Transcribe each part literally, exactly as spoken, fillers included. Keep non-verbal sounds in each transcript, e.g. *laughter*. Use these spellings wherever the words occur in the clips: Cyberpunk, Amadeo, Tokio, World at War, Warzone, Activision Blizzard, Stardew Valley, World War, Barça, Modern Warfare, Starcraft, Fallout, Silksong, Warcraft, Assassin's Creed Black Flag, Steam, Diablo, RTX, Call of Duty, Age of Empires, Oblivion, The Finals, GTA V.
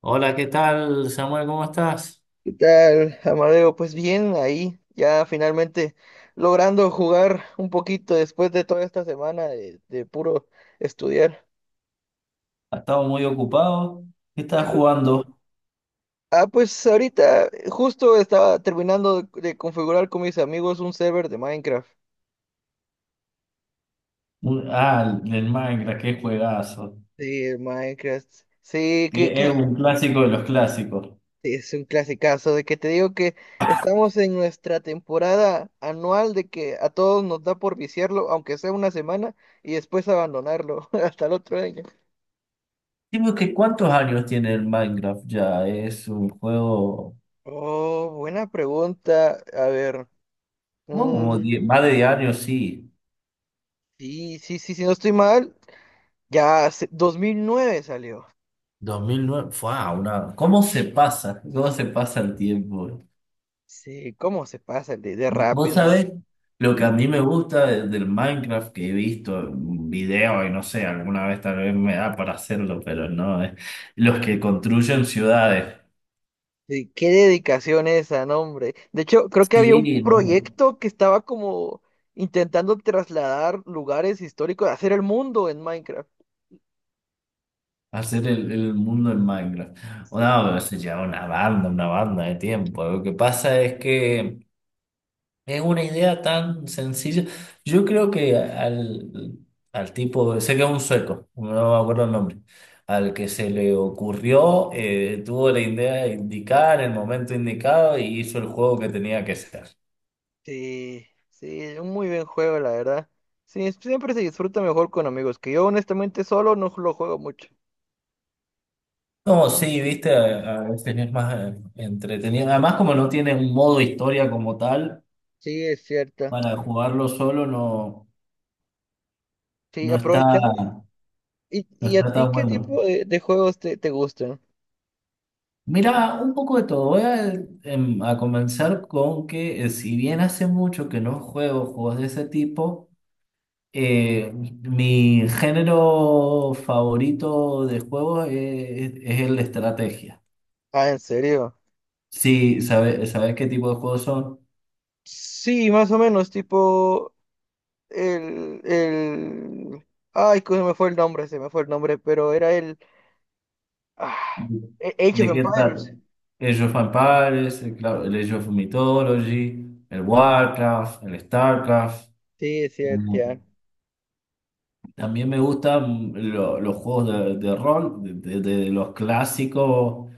Hola, ¿qué tal, Samuel? ¿Cómo estás? ¿Qué tal, Amadeo? Pues bien, ahí ya finalmente logrando jugar un poquito después de toda esta semana de, de puro estudiar. Ha estado muy ocupado. ¿Qué estás jugando? Ah, pues ahorita eh, justo estaba terminando de, de configurar con mis amigos un server de Minecraft. Un- Ah, el Minecraft, qué juegazo. Sí, el Minecraft. Sí, que, Que Es que un clásico de los clásicos. es un clasicazo de que te digo que estamos en nuestra temporada anual de que a todos nos da por viciarlo, aunque sea una semana, y después abandonarlo *laughs* hasta el otro año. Dime que cuántos años tiene el Minecraft ya. Es un juego. Oh, buena pregunta. A ver, Oh, como mm, die- más de diez años, sí. sí, sí, sí, si no estoy mal, ya hace- dos mil nueve salió. Dos mil nueve. Fue una. ¿Cómo se pasa? ¿Cómo se pasa el tiempo? Sí, cómo se pasa de, de Vo- Vos rápido. ¿Eh? sabés lo que a Sí, mí me gusta de- del Minecraft que he visto en video y no sé, alguna vez tal vez me da para hacerlo, pero no, es los que construyen ciudades. sí, qué dedicación esa, no, hombre. De hecho, creo que había un Sí, no, proyecto que estaba como intentando trasladar lugares históricos, hacer el mundo en Minecraft. hacer el, el mundo en Minecraft. Sí, No, pero se lleva una banda, una banda de tiempo. Lo que pasa es que Es una idea tan sencilla. Yo creo que al, al tipo, sé que es un sueco, no me acuerdo el nombre, al que se le ocurrió, eh, tuvo la idea indicada en el momento indicado y hizo el juego que tenía que ser. sí, sí, es un muy buen juego, la verdad. Sí, siempre se disfruta mejor con amigos, que yo honestamente solo no lo juego mucho. No, sí, viste, a, a veces es más eh, entretenido. Además, como no tiene un modo historia como tal, Sí, es cierto. para jugarlo solo no, Sí, no está, aprovechando. ¿Y, no y a está ti tan qué bueno. tipo de, de juegos te, te gustan? Mira, un poco de todo. Voy a, em, a comenzar con que eh, si bien hace mucho que no juego juegos de ese tipo, eh, mi género favorito de juegos es, es el de estrategia. Ah, ¿en serio? Sí, ¿sabes sabes qué tipo de juegos son? Sí, más o menos, tipo el, el... Ay, que se me fue el nombre, se me fue el nombre, pero era el... Ah, A- Age of ¿De qué trata? Empires. El of Empires, el, claro, el Age of Mythology, el Warcraft, el Starcraft. Sí, sí, ya. También me gustan lo- los juegos de, de rol, de, de- de los clásicos,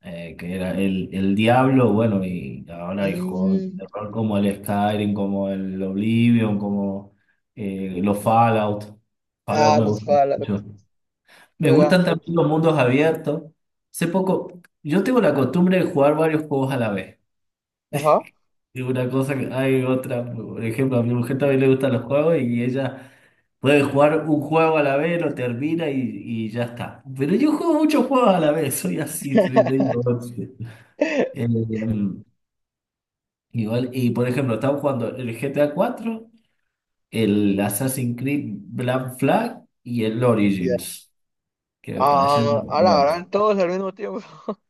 eh, que era el, el Diablo, bueno, y ahora hay juegos Mm, de rol como el Skyrim, como el Oblivion, como eh, los Fallout. Fallout ah, me los gustan mucho. Fallout. Me gustan Juegazo. también los mundos abiertos. Hace poco, yo tengo la costumbre de jugar varios juegos a la vez. Ajá. Y una cosa que hay otra, por ejemplo, a mi mujer también le gustan los juegos y ella. Puedes jugar un juego a la vez, lo termina y, y ya está. Pero yo juego muchos juegos a la vez, soy así, soy medio ocio. Eh, *laughs* em, Igual, y por ejemplo, estamos jugando el G T A cuatro, el Assassin's Creed Black Flag y el Ya. Origins, que me parecen Ah, a la nuevas. gran todos al mismo tiempo. *laughs*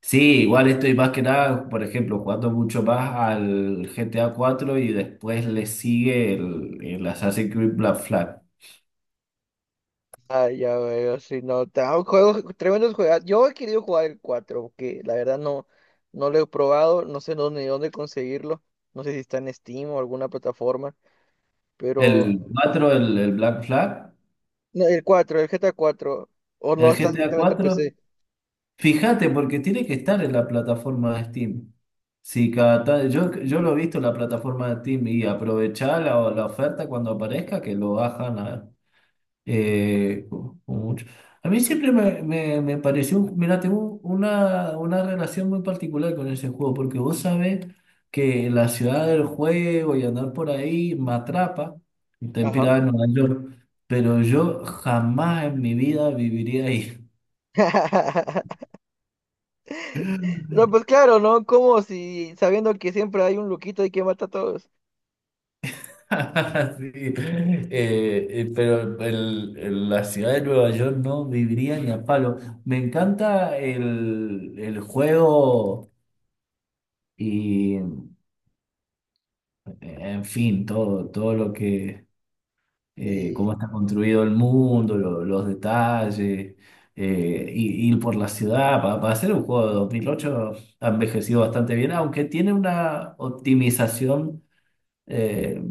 Sí, igual estoy más que nada, por ejemplo, jugando mucho más al G T A cuatro y después le sigue el, el Assassin's Creed Black Flag. Ah, ya veo, si no, tra- juegos, tremendos juegos. Yo he querido jugar el cuatro porque la verdad no, no lo he probado, no sé dónde, ni dónde conseguirlo, no sé si está en Steam o alguna plataforma, El pero cuatro, el, el Black Flag, no, el cuatro el G T A cuatro o no el está G T A directamente en cuatro. P C. Fíjate, porque tiene que estar en la plataforma de Steam. Si cada ta- yo, yo lo he visto en la plataforma de Steam y aprovechar la, la oferta cuando aparezca, que lo bajan a, eh, con- con mucho. A mí siempre me, me, me pareció, mira, tengo una, una relación muy particular con ese juego, porque vos sabés que la ciudad del juego y andar por ahí me atrapa, está Ajá. inspirada en Nueva York, pero yo jamás en mi vida viviría ahí. *laughs* No, *laughs* pues claro, ¿no? Como si sabiendo que siempre hay un loquito y que mata a todos. *laughs* Sí. Eh, eh, pero el- el- la ciudad de Nueva York no viviría ni a palo. Me encanta el, el juego y, en fin, todo, todo lo que, eh, cómo Sí, está construido el mundo, lo- los detalles, eh, y- ir por la ciudad. Pa- Para, hacer un juego de dos mil ocho ha envejecido bastante bien, aunque tiene una optimización eh,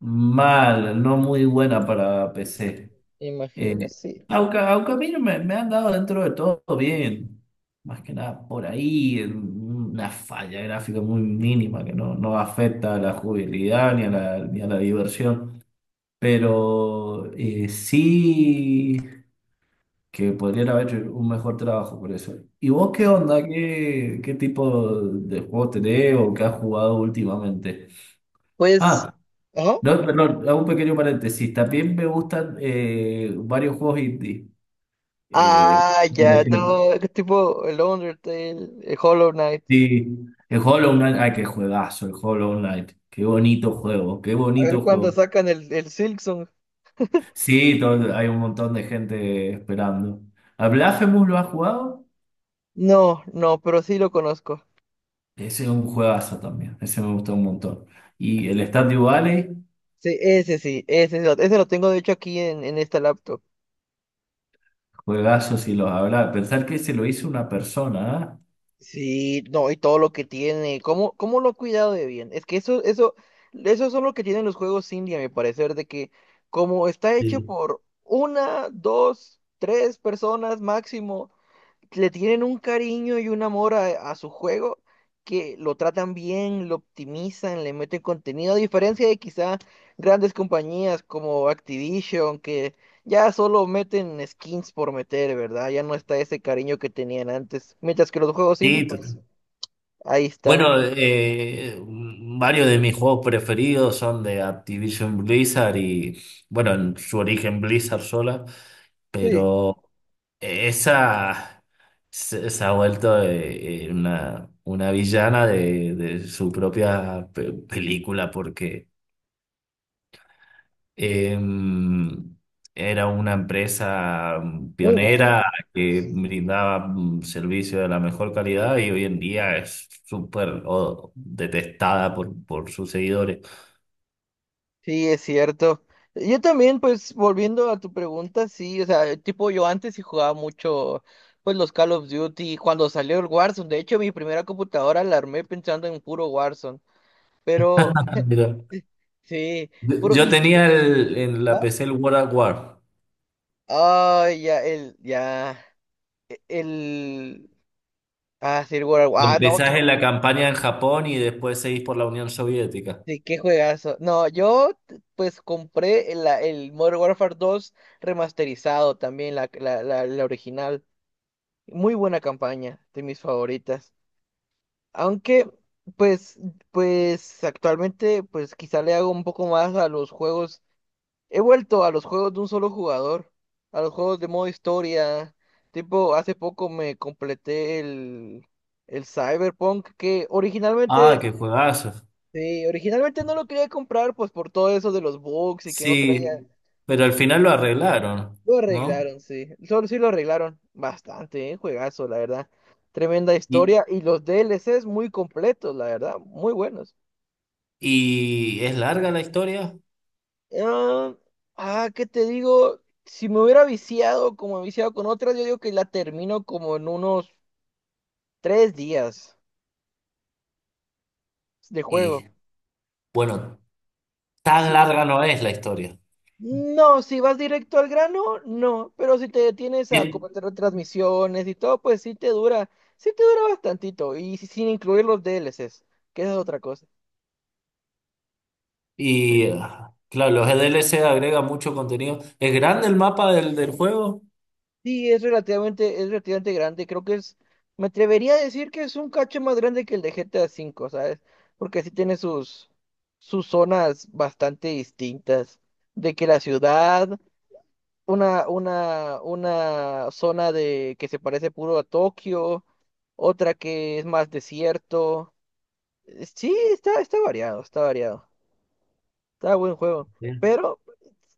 mal, no muy buena para P C. Eh, imagino, sí. aunque, aunque a mí no me, me han dado dentro de todo bien, más que nada por ahí, en una falla gráfica muy mínima que no, no afecta a la jugabilidad ni a la, ni a la diversión, pero eh, sí que podrían haber hecho un mejor trabajo por eso. ¿Y vos qué onda? ¿Qué, qué tipo de juegos tenés o qué has jugado últimamente? Pues, Ah, ajá. no, perdón, hago un pequeño paréntesis. También me gustan eh, varios juegos indie. Eh, Ah, por ya, ejemplo, no, tipo el Undertale, el Hollow Knight. sí, el Hollow Knight, ay, qué juegazo, el Hollow Knight. Qué bonito juego, qué A ver bonito cuándo juego. sacan el, el Silksong. Sí, todo- hay un montón de gente esperando. ¿A Blasphemous lo has jugado? No, no, pero sí lo conozco. Ese es un juegazo también, ese me gustó un montón. Y el Stardew Valley, Sí, ese sí, ese, lo- ese lo tengo de hecho aquí en, en esta laptop. juegazo si los habrá. Pensar que se lo hizo una persona, ¿ah? Sí, no, y todo lo que tiene. ¿Cómo, cómo lo ha cuidado de bien? Es que eso, eso, eso son lo que tienen los juegos indie, a mi parecer, de que como está hecho Sí, por una, dos, tres personas máximo le tienen un cariño y un amor a, a su juego que lo tratan bien, lo optimizan, le meten contenido, a diferencia de quizá grandes compañías como Activision, que ya solo meten skins por meter, ¿verdad? Ya no está ese cariño que tenían antes. Mientras que los juegos indie, sí, pues total. ahí están. Bueno, eh, varios de mis juegos preferidos son de Activision Blizzard y, bueno, en su origen Blizzard sola, Sí, pero esa se, se ha vuelto eh, eh, una, una villana de, de su propia pe- película porque Em, era una empresa mm, muy bueno. pionera que Sí. brindaba mm, servicio de la mejor calidad y hoy en día es súper oh, detestada por, por sus seguidores. Sí, es cierto. Yo también, pues, volviendo a tu pregunta, sí, o sea, tipo, yo antes sí jugaba mucho, pues, los Call of Duty, cuando salió el Warzone, de hecho, mi primera computadora la armé pensando en puro Warzone, pero, Ah, mira. sí, Yo puro, yo y, tenía el- en la ¿ah? P C el World at War. Ah, ya, el, ya, el, ah, sí, el World War, ah, no, qué, Empezás en la ju- campaña en Japón y después seguís por la Unión Soviética. sí, qué juegazo, no, yo, t- pues, compré el, la- el Modern Warfare dos remasterizado también, la, la, la la original. Muy buena campaña, de mis favoritas. Aunque, pues, pues actualmente, pues quizá le hago un poco más a los juegos. He vuelto a los juegos de un solo jugador, a los juegos de modo historia. Tipo, hace poco me completé el, el Cyberpunk, que Ah, originalmente, qué juegazo. sí, originalmente no lo quería comprar, pues por todo eso de los bugs y que no traía. Sí, pero al final lo arreglaron, Lo ¿no? arreglaron, sí. Solo sí lo arreglaron bastante, ¿eh? Juegazo, la verdad. Tremenda Y, historia y los D L D L Cs muy completos, la verdad, muy buenos. y es larga la historia Ah, ah, ¿qué te digo? Si me hubiera viciado como he viciado con otras, yo digo que la termino como en unos tres días de y juego. bueno. Tan Sí. larga no es la historia. No, si vas directo al grano, no, pero si te detienes a Bien. comentar transmisiones y todo, pues sí te dura, sí te dura bastantito y si- sin incluir los D L D L Cs, que esa es otra cosa. Y, ah, claro, los D L C agregan mucho contenido. ¿Es grande el mapa del, del juego? Sí, es relativamente, es relativamente grande. Creo que es, me atrevería a decir que es un cacho más grande que el de G T A V, ¿sabes? Porque sí tiene sus, sus, zonas bastante distintas. De que la ciudad, una, una, una zona de que se parece puro a Tokio, otra que es más desierto. Eh, Sí, está, está variado, está variado. Está buen juego. Bien. Pero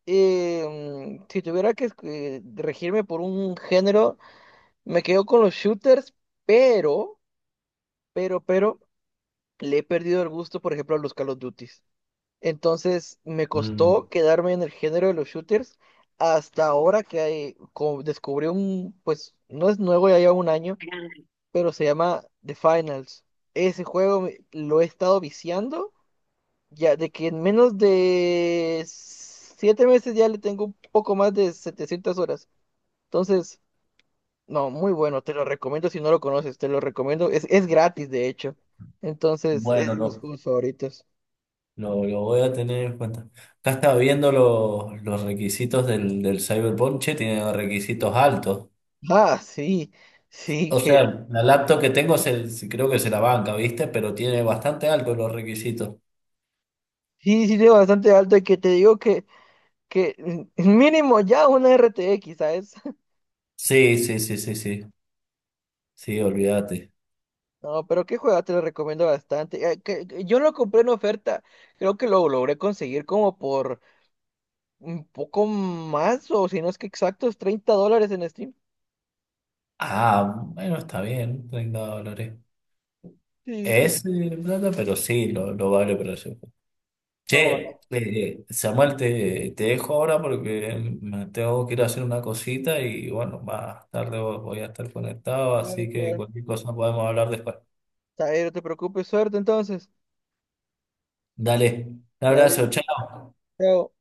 eh, mm, si tuviera que escu- regirme por un género. Me quedo con los shooters, pero, pero, pero, le he perdido el gusto, por ejemplo, a los Call of Duties. Entonces, me Mm, costó quedarme en el género de los shooters hasta ahora que hay- co- descubrí un, pues, no es nuevo, ya lleva un año, pero se llama The Finals. Ese juego me- lo he estado viciando, ya de que en menos de siete meses ya le tengo un poco más de setecientas horas. Entonces, no, muy bueno, te lo recomiendo si no lo conoces, te lo recomiendo, es, es gratis de hecho, entonces es bueno, de mis lo juegos favoritos. lo, lo voy a tener en cuenta. Acá estaba viendo los, los requisitos del, del Cyberpunk, che, tiene requisitos altos. Ah, sí, sí, O que sea, la laptop que tengo se, se- creo que se la banca, ¿viste? Pero tiene bastante altos los requisitos. sí, sí, de bastante alto y que te digo que, que mm, mínimo ya una R T X, ¿sabes? *laughs* Sí, sí, sí, sí, sí. Sí, olvídate. No, pero qué juego te lo recomiendo bastante. Eh, que- que yo lo compré en oferta, creo que lo logré conseguir como por un poco más o si no es que exactos, treinta dólares en Steam. Ah, bueno, está bien, treinta dólares. Sí, sí. Sí. Es eh, plata, pero sí, lo, lo vale para eso. Che, No, eh, no, eh, Samuel, te, te dejo ahora porque me tengo que ir a hacer una cosita y bueno, más tarde voy voy a estar conectado, claro, así que claro. cualquier cosa podemos hablar después. Está bien, no te preocupes, suerte entonces. Dale, un Dale. abrazo, chao. Pero